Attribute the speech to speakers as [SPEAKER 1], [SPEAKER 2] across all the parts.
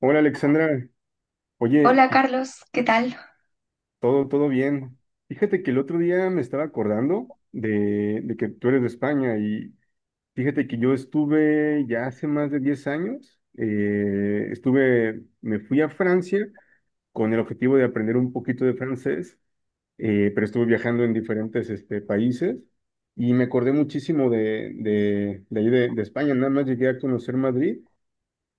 [SPEAKER 1] Hola, Alexandra, oye,
[SPEAKER 2] Hola Carlos, ¿qué tal?
[SPEAKER 1] todo bien. Fíjate que el otro día me estaba acordando de que tú eres de España. Y fíjate que yo estuve ya hace más de 10 años, estuve, me fui a Francia con el objetivo de aprender un poquito de francés. Pero estuve viajando en diferentes países y me acordé muchísimo de ahí de España. Nada más llegué a conocer Madrid.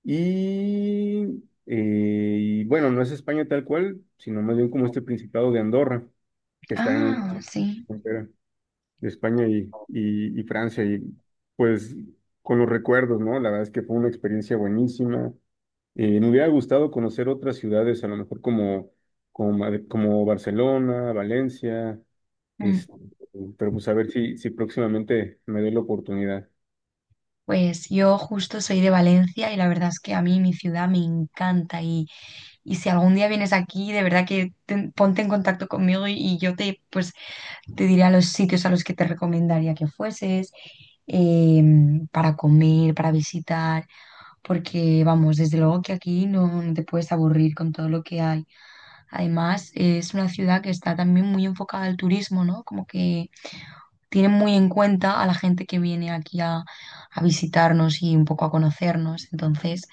[SPEAKER 1] Y, y bueno, no es España tal cual, sino más bien como este Principado de Andorra, que está en
[SPEAKER 2] Ah,
[SPEAKER 1] la
[SPEAKER 2] sí.
[SPEAKER 1] frontera de España y Francia. Y pues con los recuerdos, ¿no? La verdad es que fue una experiencia buenísima. Me hubiera gustado conocer otras ciudades, a lo mejor como, como Barcelona, Valencia,
[SPEAKER 2] Mm,
[SPEAKER 1] este, pero pues a ver si próximamente me doy la oportunidad.
[SPEAKER 2] pues yo justo soy de Valencia y la verdad es que a mí mi ciudad me encanta, y si algún día vienes aquí, de verdad que ponte en contacto conmigo y yo te, pues, te diré a los sitios a los que te recomendaría que fueses para comer, para visitar, porque vamos, desde luego que aquí no, no te puedes aburrir con todo lo que hay. Además, es una ciudad que está también muy enfocada al turismo, ¿no? Como que tienen muy en cuenta a la gente que viene aquí a visitarnos y un poco a conocernos. Entonces,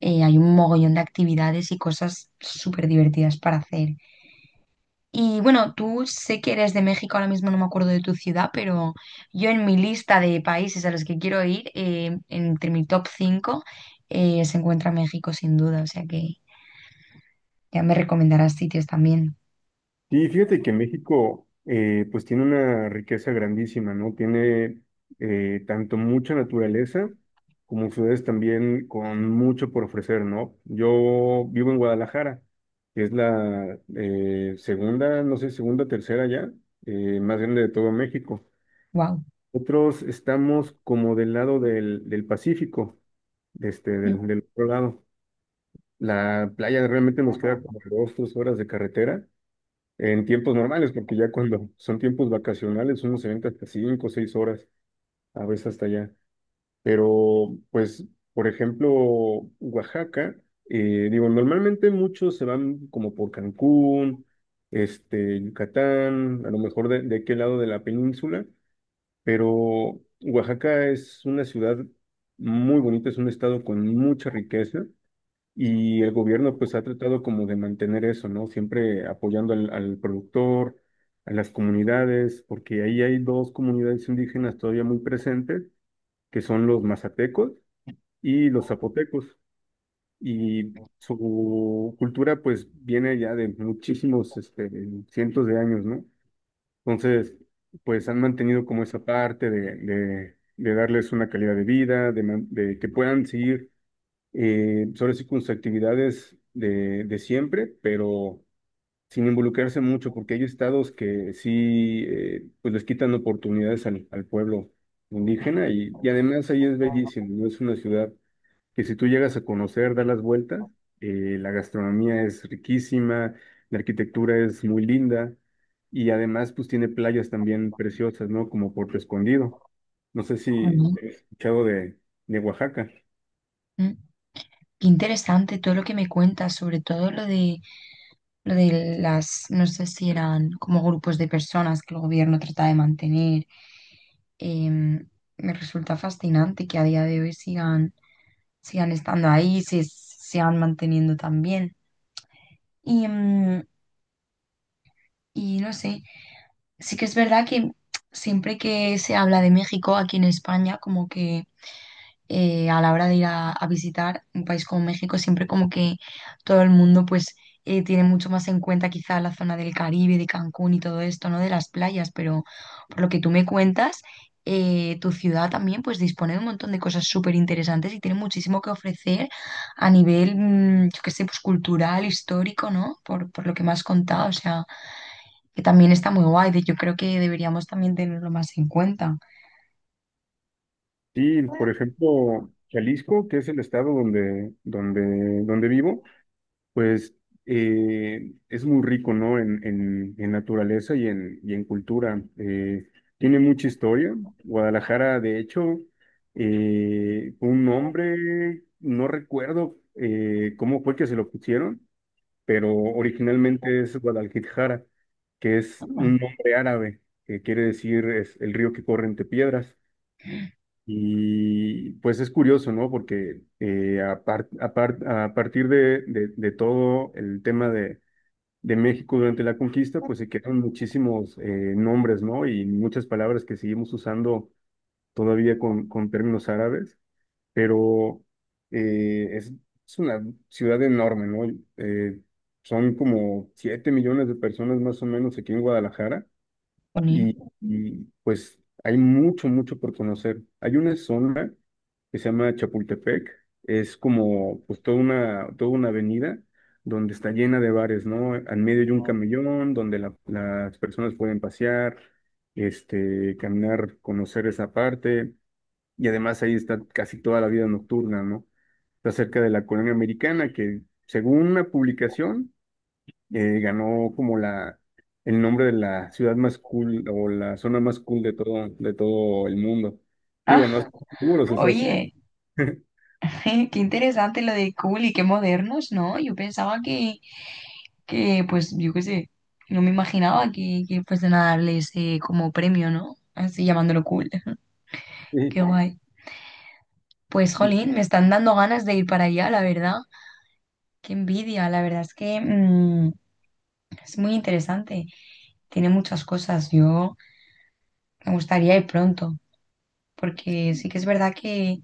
[SPEAKER 2] hay un mogollón de actividades y cosas súper divertidas para hacer. Y bueno, tú sé que eres de México, ahora mismo no me acuerdo de tu ciudad, pero yo en mi lista de países a los que quiero ir, entre mi top 5 se encuentra México sin duda, o sea que ya me recomendarás sitios también.
[SPEAKER 1] Sí, fíjate que México, pues tiene una riqueza grandísima, ¿no? Tiene, tanto mucha naturaleza como ciudades también con mucho por ofrecer, ¿no? Yo vivo en Guadalajara, que es la segunda, no sé, segunda, tercera ya, más grande de todo México.
[SPEAKER 2] Wow.
[SPEAKER 1] Otros estamos como del lado del Pacífico, del otro lado. La playa realmente nos queda como dos, tres horas de carretera en tiempos normales, porque ya cuando son tiempos vacacionales uno se venta hasta 5 o 6 horas, a veces hasta allá. Pero, pues, por ejemplo, Oaxaca, digo, normalmente muchos se van como por Cancún, Yucatán, a lo mejor de aquel lado de la península, pero Oaxaca es una ciudad muy bonita, es un estado con mucha riqueza y el gobierno pues ha tratado como de mantener eso, ¿no? Siempre apoyando al productor, a las comunidades, porque ahí hay dos comunidades indígenas todavía muy presentes, que son los mazatecos y los zapotecos. Y su cultura pues viene ya de muchísimos, cientos de años, ¿no? Entonces, pues han mantenido como esa parte de darles una calidad de vida, de que puedan seguir, sobre sí con sus actividades de siempre, pero sin involucrarse mucho, porque hay estados que sí, pues les quitan oportunidades al pueblo indígena. Y, y además ahí es bellísimo, ¿no? Es una ciudad que si tú llegas a conocer, das las vueltas, la gastronomía es riquísima, la arquitectura es muy linda y además pues tiene playas también preciosas, ¿no? Como Puerto Escondido. No sé si has escuchado de Oaxaca.
[SPEAKER 2] Qué interesante todo lo que me cuentas, sobre todo lo de las, no sé si eran como grupos de personas que el gobierno trata de mantener. Em, me resulta fascinante que a día de hoy sigan, sigan estando ahí, se sigan manteniendo también. Y, y no sé, sí que es verdad que siempre que se habla de México aquí en España, como que a la hora de ir a visitar un país como México, siempre como que todo el mundo pues tiene mucho más en cuenta quizá la zona del Caribe, de Cancún y todo esto, ¿no? De las playas, pero por lo que tú me cuentas, tu ciudad también pues dispone de un montón de cosas súper interesantes y tiene muchísimo que ofrecer a nivel, yo qué sé, pues cultural, histórico, ¿no? Por lo que me has contado, o sea, que también está muy guay, yo creo que deberíamos también tenerlo más en cuenta.
[SPEAKER 1] Sí, por ejemplo, Jalisco, que es el estado donde, donde vivo, pues, es muy rico, ¿no? En naturaleza y en cultura. Tiene mucha historia. Guadalajara, de hecho, fue un nombre, no recuerdo cómo fue que se lo pusieron, pero originalmente es Guadalquijara, que es un nombre árabe, que quiere decir es el río que corre entre piedras. Y pues es curioso, ¿no? Porque, a partir de todo el tema de México durante la conquista, pues se quedaron muchísimos, nombres, ¿no? Y muchas palabras que seguimos usando todavía con términos árabes. Pero, eh, es, es una ciudad enorme, ¿no? Eh, Son como 7 millones de personas más o menos aquí en Guadalajara.
[SPEAKER 2] Jolín.
[SPEAKER 1] Y, y pues hay mucho, mucho por conocer. Hay una zona que se llama Chapultepec, es como pues toda una avenida donde está llena de bares, ¿no? Al medio hay un camellón donde las personas pueden pasear, caminar, conocer esa parte. Y además ahí está casi toda la vida nocturna, ¿no? Está cerca de la colonia americana que, según una publicación, ganó como el nombre de la ciudad más cool o la zona más cool de todo el mundo. Digo, no
[SPEAKER 2] Ah,
[SPEAKER 1] estoy seguro si sea así.
[SPEAKER 2] oye, qué interesante lo de cool y qué modernos, ¿no? Yo pensaba que pues, yo qué sé, no me imaginaba que fuesen a darles como premio, ¿no? Así llamándolo cool. Qué
[SPEAKER 1] Sí,
[SPEAKER 2] guay. Pues,
[SPEAKER 1] y-
[SPEAKER 2] jolín, me están dando ganas de ir para allá, la verdad. Qué envidia, la verdad es que es muy interesante. Tiene muchas cosas. Yo me gustaría ir pronto, porque sí que es verdad que,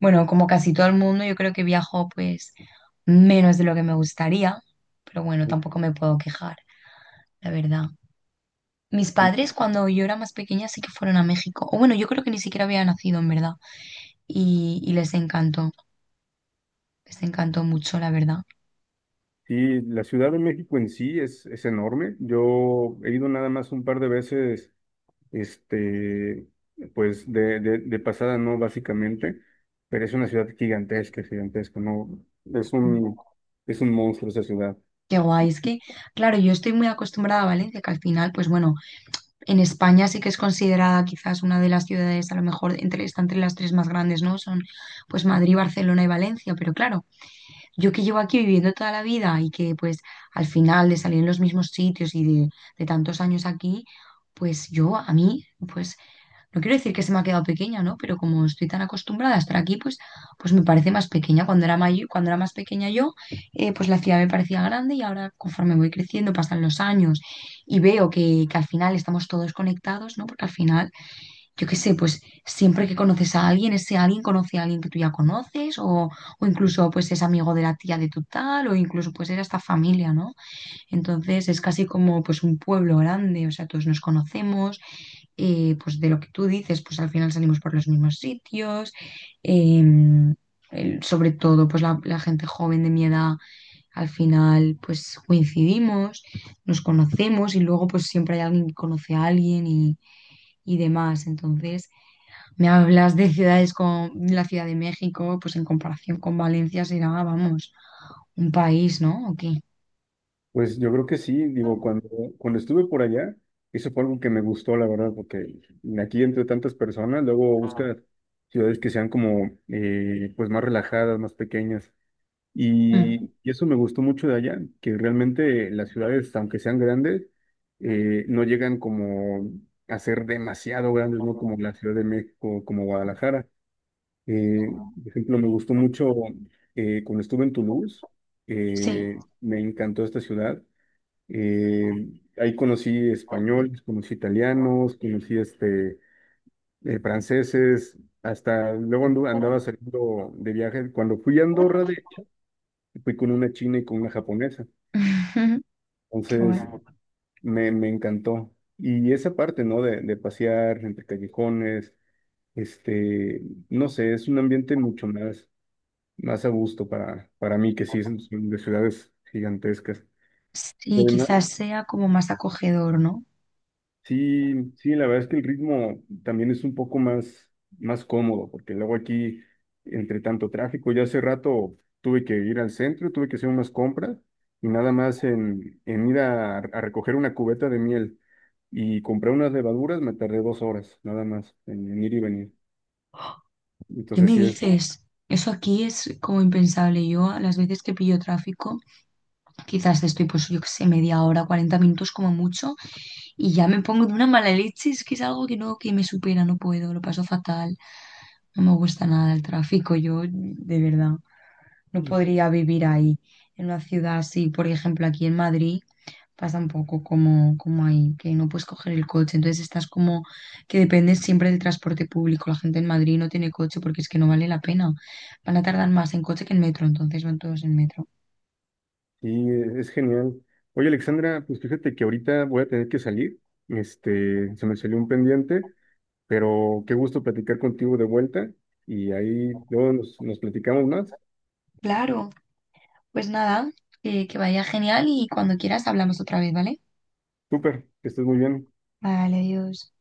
[SPEAKER 2] bueno, como casi todo el mundo, yo creo que viajo pues menos de lo que me gustaría, pero bueno, tampoco me puedo quejar, la verdad. Mis
[SPEAKER 1] sí,
[SPEAKER 2] padres cuando yo era más pequeña sí que fueron a México, o bueno, yo creo que ni siquiera había nacido en verdad, y les encantó mucho, la verdad.
[SPEAKER 1] sí, la Ciudad de México en sí es enorme. Yo he ido nada más un par de veces, este, pues de pasada, ¿no? Básicamente, pero es una ciudad gigantesca, gigantesca, ¿no? Es un, es un monstruo esa ciudad.
[SPEAKER 2] Qué guay, es que, claro, yo estoy muy acostumbrada a Valencia, que al final, pues bueno, en España sí que es considerada quizás una de las ciudades, a lo mejor entre, está entre las tres más grandes, ¿no? Son pues Madrid, Barcelona y Valencia, pero claro, yo que llevo aquí viviendo toda la vida y que pues al final de salir en los mismos sitios y de tantos años aquí, pues yo a mí, pues no quiero decir que se me ha quedado pequeña, ¿no? Pero como estoy tan acostumbrada a estar aquí, pues, pues me parece más pequeña. Cuando era mayor, cuando era más pequeña yo, pues la ciudad me parecía grande y ahora conforme voy creciendo, pasan los años y veo que al final estamos todos conectados, ¿no? Porque al final, yo qué sé, pues siempre que conoces a alguien, ese alguien conoce a alguien que tú ya conoces o incluso pues es amigo de la tía de tu tal o incluso pues era hasta familia, ¿no? Entonces es casi como pues un pueblo grande, o sea, todos nos conocemos, pues de lo que tú dices, pues al final salimos por los mismos sitios, em, sobre todo pues la gente joven de mi edad, al final pues coincidimos, nos conocemos y luego pues siempre hay alguien que conoce a alguien y demás. Entonces, me hablas de ciudades como la Ciudad de México, pues en comparación con Valencia será, vamos, un país, ¿no? ¿O qué?
[SPEAKER 1] Pues yo creo que sí, digo, cuando estuve por allá, eso fue algo que me gustó, la verdad, porque aquí entre tantas personas, luego buscas ciudades que sean como, pues más relajadas, más pequeñas.
[SPEAKER 2] Mm.
[SPEAKER 1] Y eso me gustó mucho de allá, que realmente las ciudades, aunque sean grandes, no llegan como a ser demasiado grandes, ¿no? Como la Ciudad de México, como Guadalajara. Eh, por ejemplo, me gustó mucho, cuando estuve en Toulouse,
[SPEAKER 2] Sí.
[SPEAKER 1] me encantó esta ciudad. eh, Ahí conocí españoles, conocí italianos, conocí franceses, hasta luego andaba saliendo de viaje. Cuando fui a Andorra, de hecho, fui con una china y con una japonesa.
[SPEAKER 2] Qué guay.
[SPEAKER 1] Entonces me encantó. Y esa parte, ¿no? De pasear entre callejones, este, no sé, es un ambiente mucho más, más a gusto para mí, que sí, son son de ciudades gigantescas.
[SPEAKER 2] Sí, quizás sea como más acogedor, ¿no?
[SPEAKER 1] Sí, sí, la verdad es que el ritmo también es un poco más, más cómodo, porque luego aquí, entre tanto tráfico, ya hace rato tuve que ir al centro, tuve que hacer unas compras y nada más en ir a recoger una cubeta de miel y comprar unas levaduras, me tardé 2 horas, nada más, en ir y venir.
[SPEAKER 2] ¿Qué
[SPEAKER 1] Entonces
[SPEAKER 2] me
[SPEAKER 1] sí, es-
[SPEAKER 2] dices? Eso aquí es como impensable. Yo a las veces que pillo tráfico, quizás estoy pues yo qué sé, media hora, 40 minutos como mucho, y ya me pongo de una mala leche. Es que es algo que no, que me supera, no puedo, lo paso fatal. No me gusta nada el tráfico, yo de verdad no podría vivir ahí, en una ciudad así, por ejemplo, aquí en Madrid pasa un poco como, como ahí, que no puedes coger el coche, entonces estás como que dependes siempre del transporte público. La gente en Madrid no tiene coche porque es que no vale la pena. Van a tardar más en coche que en metro, entonces van todos en metro.
[SPEAKER 1] sí, es genial. Oye, Alexandra, pues fíjate que ahorita voy a tener que salir, se me salió un pendiente. Pero qué gusto platicar contigo de vuelta y ahí luego nos platicamos más.
[SPEAKER 2] Claro, pues nada, que vaya genial y cuando quieras hablamos otra vez, ¿vale?
[SPEAKER 1] Súper, que estés muy bien.
[SPEAKER 2] Vale, adiós.